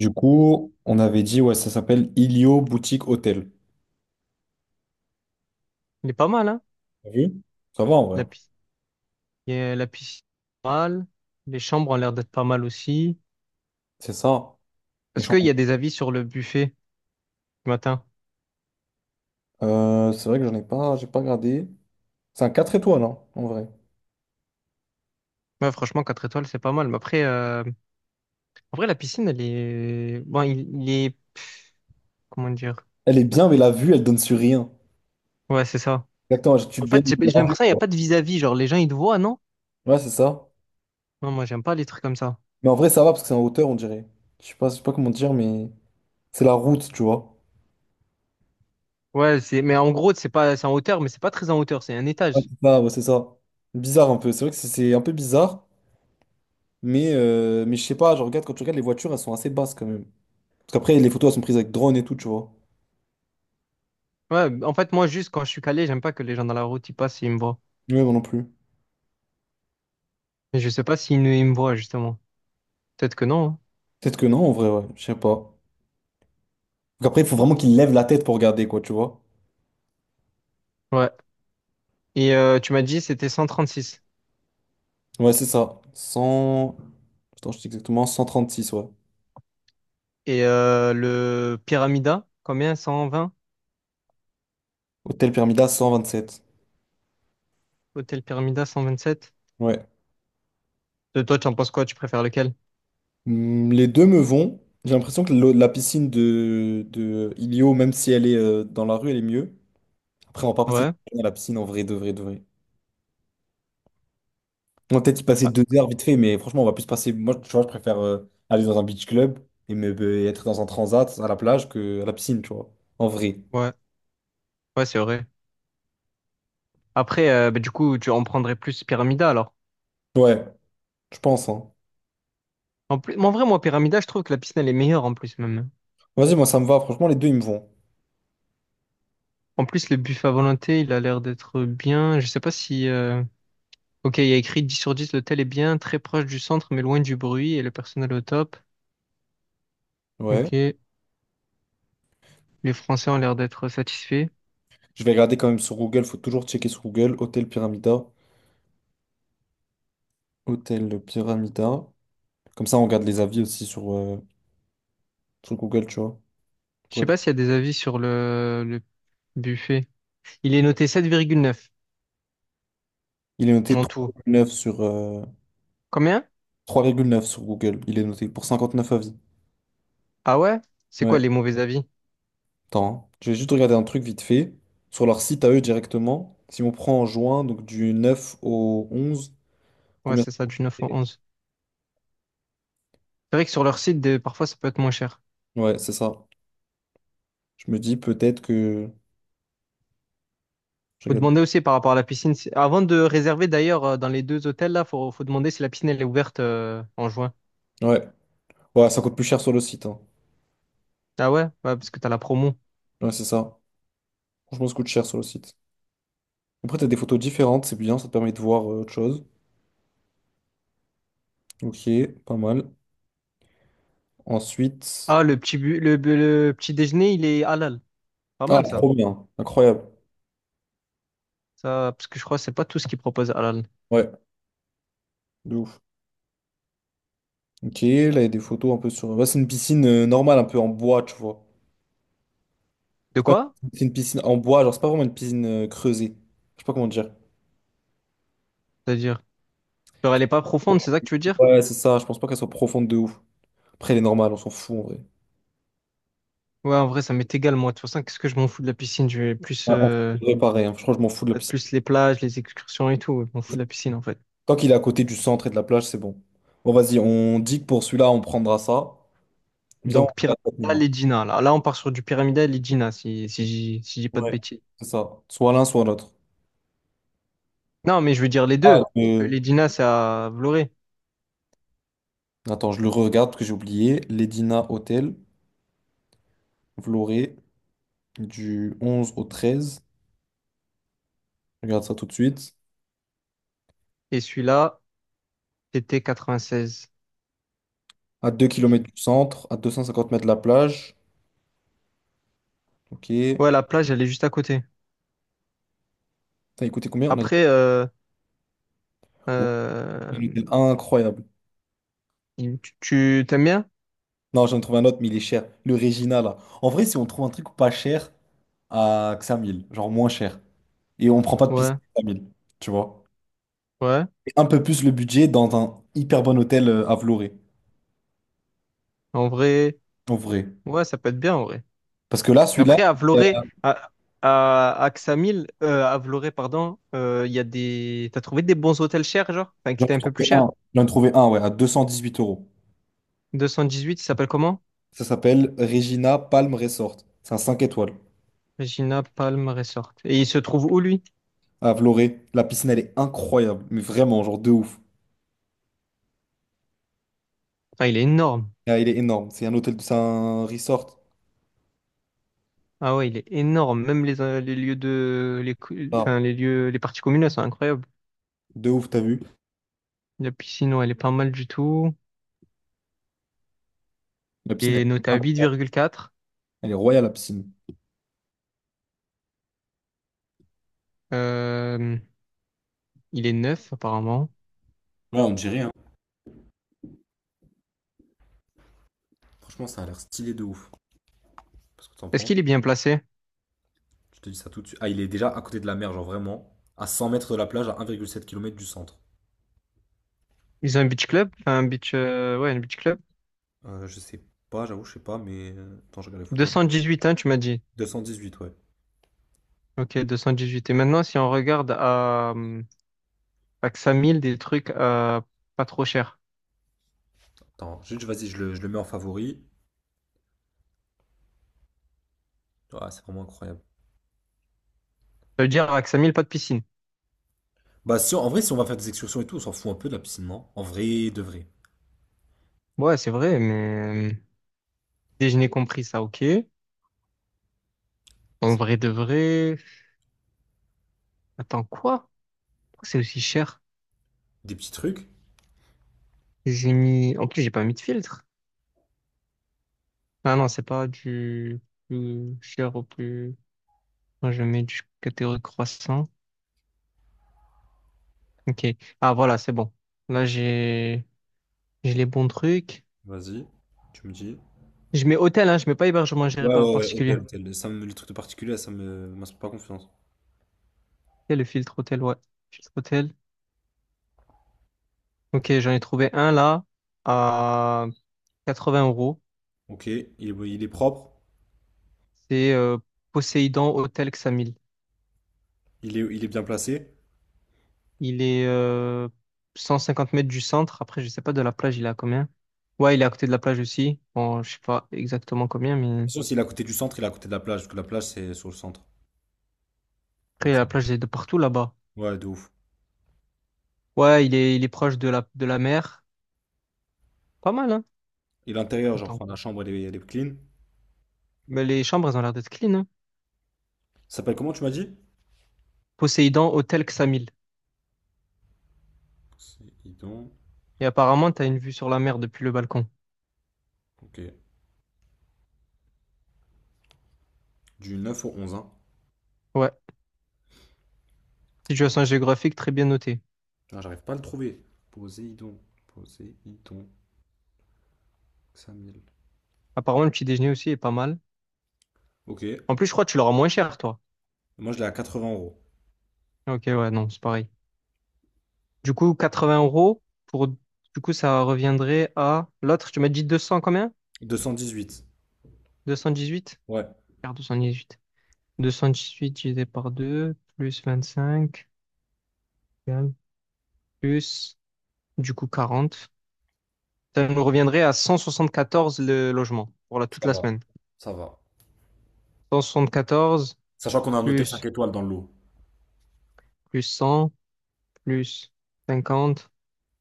Du coup, on avait dit, ouais, ça s'appelle Ilio Boutique Hôtel. Il est pas mal, hein? T'as vu? Ça va en vrai. La, pi- la piscine est pas mal. Les chambres ont l'air d'être pas mal aussi. C'est ça. Les Est-ce qu'il chambres. y a des avis sur le buffet du matin? C'est vrai que j'en ai pas, j'ai pas regardé. C'est un 4 étoiles, hein, en vrai. Ouais, franchement, quatre étoiles, c'est pas mal. Mais après, en vrai, la piscine, elle est. Bon, il est. Comment dire? Elle est bien, mais la vue, elle donne sur rien. Ouais, c'est ça. Exactement, tu te En fait, baignes j'ai dans la rue. l'impression qu'il n'y a pas de vis-à-vis. Genre, les gens, ils te voient, non? Ouais, c'est ça. Non, moi, j'aime pas les trucs comme ça. Mais en vrai, ça va parce que c'est en hauteur, on dirait. Je sais pas comment dire, mais c'est la route, tu vois. Ouais, c'est. Mais en gros, c'est pas... c'est en hauteur, mais c'est pas très en hauteur, c'est un Ouais, étage. c'est ça, ouais, c'est ça. Bizarre un peu. C'est vrai que c'est un peu bizarre, mais je sais pas, je regarde quand tu regardes les voitures, elles sont assez basses quand même. Parce qu'après, les photos, elles sont prises avec drone et tout, tu vois. Ouais, en fait, moi, juste quand je suis calé, j'aime pas que les gens dans la route, ils passent et ils me voient. Ouais, moi non plus. Mais je sais pas ils me voient, justement. Peut-être que non. Peut-être que non, en vrai, ouais, je sais pas. Donc après, il faut vraiment qu'il lève la tête pour regarder, quoi, tu vois. Hein. Ouais. Et tu m'as dit c'était 136. Ouais, c'est ça. 100. Attends, je dis exactement 136, ouais. Et le Pyramida, combien? 120? Hôtel Permida, 127. Hôtel Pyramida 127? Ouais. De toi, tu en penses quoi? Tu préfères lequel? Hmm, les deux me vont. J'ai l'impression que la piscine de Ilio, même si elle est dans la rue, elle est mieux. Après, on va pas passer Ouais. toute la journée à la piscine en vrai, de vrai, de vrai. On va peut-être y passer Ah, 2 heures vite fait, mais franchement, on va plus passer. Moi, tu vois, je préfère aller dans un beach club et être dans un transat à la plage que à la piscine, tu vois. En vrai. ouais. Ouais, c'est vrai. Après, bah, du coup, tu en prendrais plus Pyramida alors. Ouais, je pense, hein. En plus, mais en vrai, moi, Pyramida, je trouve que la piscine, elle est meilleure en plus même. Vas-y, moi ça me va. Franchement, les deux ils me vont. En plus, le buffet à volonté, il a l'air d'être bien. Je sais pas si. Ok, il y a écrit 10 sur 10, l'hôtel est bien, très proche du centre, mais loin du bruit et le personnel au top. Ouais. Ok. Les Français ont l'air d'être satisfaits. Je vais regarder quand même sur Google. Faut toujours checker sur Google. Hôtel Pyramida. Hôtel Pyramida. Comme ça, on regarde les avis aussi sur Google, tu vois. Je Pour sais être- pas s'il y a des avis sur le buffet. Il est noté 7,9 Il est noté en trois tout. virgule neuf sur, euh, Combien? trois virgule neuf sur Google. Il est noté pour 59 avis. Ah ouais? C'est Ouais. quoi les mauvais avis? Attends, hein. Je vais juste regarder un truc vite fait. Sur leur site à eux directement. Si on prend en juin, donc du 9 au 11 Ouais, combien? c'est ça, du neuf Ça au fait? onze. C'est vrai que sur leur site, parfois, ça peut être moins cher. Ouais, c'est ça. Je me dis peut-être que. Je Faut regarde. demander aussi par rapport à la piscine. Avant de réserver, d'ailleurs, dans les deux hôtels, là, faut demander si la piscine, elle est ouverte en juin. Ouais. Ouais, ça coûte plus cher sur le site, hein. Ah ouais? Ouais, parce que t'as la promo. Ouais, c'est ça. Franchement, ça coûte cher sur le site. Après, t'as des photos différentes, c'est bien, ça te permet de voir autre chose. Ok, pas mal. Ensuite. Ah, le petit, bu- le petit déjeuner, il est halal. Pas Ah, mal, ça. trop bien. Incroyable. Ça, parce que je crois que c'est pas tout ce qu'ils proposent halal. Ouais, de ouf. Ok, là, il y a des photos un peu sur. Là, c'est une piscine normale, un peu en bois, tu vois. De C'est pas. quoi? C'est une piscine en bois, genre, c'est pas vraiment une piscine creusée. Je sais pas comment dire. C'est-à-dire? Genre, elle est pas profonde, c'est ça que tu veux dire? Ouais, c'est ça, je pense pas qu'elle soit profonde de ouf. Après, elle est normale, on s'en fout en vrai. Ouais, en vrai, ça m'est égal, moi. De toute façon, qu'est-ce que je m'en fous de la piscine? Je vais plus, Ouais, on euh, devrait pareil, hein. Je crois que je m'en fous de la piscine. plus les plages, les excursions et tout. Je m'en fous de la piscine, en fait. Tant qu'il est à côté du centre et de la plage, c'est bon. Bon, vas-y, on dit que pour celui-là, on prendra ça. Viens, on Donc, regarde ça Pyramidal maintenant. et Gina. Là, là on part sur du Pyramidal et Gina, si j'ai pas de Ouais. bêtises. C'est ça. Soit l'un, soit l'autre. Non, mais je veux dire les Ah, deux. Parce que le- les Gina, c'est à Vloré. Attends, je le regarde parce que j'ai oublié. Ledina Hotel, Vloré, du 11 au 13. Je regarde ça tout de suite. Et celui-là, c'était 96. À 2 kilomètres du centre, à 250 mètres de la plage. Ok. Ouais, la plage, elle est juste à côté. T'as écouté combien? On a dit. Après, Ouais, un euh, hôtel incroyable. t'aimes bien? Non, j'en ai trouvé un autre, mais il est cher. Le Regina, là. En vrai, si on trouve un truc pas cher à que 5000, genre moins cher, et on prend pas de piscine Ouais, à 5000, tu vois. ouais. Un peu plus le budget dans un hyper bon hôtel à Vloré, En vrai, en vrai. ouais, ça peut être bien, en vrai. Parce que là, celui-là, Après, à euh, Vloré, à Ksamil, à Vloré, pardon, il y a des. T'as trouvé des bons hôtels chers, genre? Enfin, qui j'en étaient ai un peu plus trouvé chers? un. J'en ai trouvé un, ouais, à 218 euros. 218, il s'appelle comment? Ça s'appelle Regina Palm Resort. C'est un 5 étoiles Regina Palm Resort. Et il se trouve où, lui? à Vloré. La piscine, elle est incroyable, mais vraiment, genre de ouf. Enfin, il est énorme. Ah, il est énorme. C'est un hôtel, c'est un resort. Ah ouais, il est énorme. Même les lieux de. Ah, Enfin, les lieux, les parties communes, elles sont incroyables. de ouf, t'as vu? La piscine, ouais, elle est pas mal du tout. La Il piscine, elle est est, noté à incroyable. 8,4. Elle est royale, la piscine. Euh, il est neuf, apparemment. Ouais, on dirait, hein. Franchement, ça a l'air stylé de ouf. Parce que t'en Est-ce penses? qu'il est bien placé? Je te dis ça tout de suite. Ah, il est déjà à côté de la mer, genre vraiment. À 100 mètres de la plage, à 1,7 km du centre. Ils ont un beach club? Enfin, un beach. Ouais, un beach club. Je sais pas, j'avoue, je sais pas, Attends, je regarde les photos. 218, hein, tu m'as dit. 218, ouais. Ok, 218. Et maintenant, si on regarde à Ksamil, des trucs pas trop chers. Attends, juste, vas-y, je le mets en favori. Ah, c'est vraiment incroyable. Ça veut dire à Ksamil, pas de piscine. Bah, si, en vrai, si on va faire des excursions et tout, on s'en fout un peu de la piscine, non? En vrai, de vrai. Ouais, c'est vrai, mais déjeuner compris, ça, ok. En Ça- vrai de vrai. Attends, quoi? Pourquoi c'est aussi cher? Des petits trucs. J'ai mis. En plus, j'ai pas mis de filtre. Ah non, c'est pas du plus cher au plus. Moi, je mets du catégorie croissant. Ok. Ah, voilà, c'est bon. Là, j'ai les bons trucs. Vas-y, tu me dis. Je mets hôtel, hein, je mets pas hébergement géré Ouais, par ouais, ouais, particulier. hôtel, hôtel. Les trucs de particulier, ça me m'inspire pas confiance. Il le filtre hôtel, ouais. Filtre hôtel. Ok, j'en ai trouvé un là à 80 euros. Ok, il est propre, C'est Poséidon Hôtel Xamil. il est bien placé. De toute Il est 150 mètres du centre. Après, je sais pas de la plage, il est à combien? Ouais, il est à côté de la plage aussi. Bon, je sais pas exactement combien, mais façon, s'il est à côté du centre, il est à côté de la plage, parce que la plage, c'est sur le centre. après, Donc, ça- la plage, elle est de partout là-bas. ouais, de ouf. Ouais, il est proche de la mer. Pas mal, hein? Et l'intérieur, genre, Attends. enfin, la chambre, elle est clean. Mais les chambres, elles ont l'air d'être clean, hein? Ça s'appelle comment, tu m'as dit? Poséidon Hôtel Xamil. Poséidon. Et apparemment, t'as une vue sur la mer depuis le balcon. Ok. Du 9 au 11, hein. Ouais. Situation géographique très bien notée. Ah, j'arrive pas à le trouver. Poséidon. Poséidon. Samuel. Apparemment, le petit déjeuner aussi est pas mal. Ok. En plus, je crois que tu l'auras moins cher, toi. Moi, je l'ai à 80 euros. Ok, ouais, non, c'est pareil. Du coup, 80 € pour. Du coup, ça reviendrait à. L'autre, tu m'as dit 200 combien? 218. 218? Ouais, Regarde, 218. 218 divisé par deux plus 25, égale plus, du coup, 40. Ça nous reviendrait à 174 le logement pour la, toute ça la va. semaine. Ça va. 174 Sachant qu'on a un hôtel plus, cinq étoiles dans le lot. plus 100, plus 50,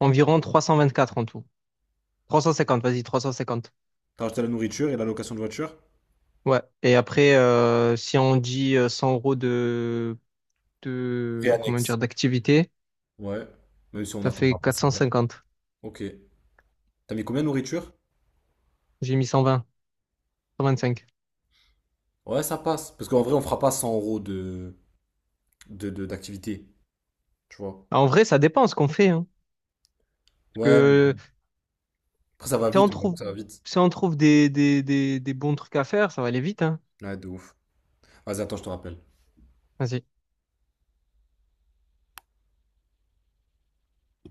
environ 324 en tout. 350, vas-y, 350. T'as rajouté la nourriture et la location de voiture? Ouais. Et après, si on dit 100 € de, Prix de, comment dire, annexe. d'activité, Ouais. Même si on ça fait n'atteindra pas quatre ça. cent cinquante Ok. T'as mis combien de nourriture? J'ai mis cent vingt cinq. Ouais, ça passe. Parce qu'en vrai, on fera pas 100 € d'activité. Tu vois? En vrai, ça dépend ce qu'on fait, hein. Parce Ouais. que Après, ça va si on vite. J'avoue que trouve, ça va vite. si on trouve des bons trucs à faire, ça va aller vite, hein. Ouais, de ouf. Vas-y, attends, je te rappelle.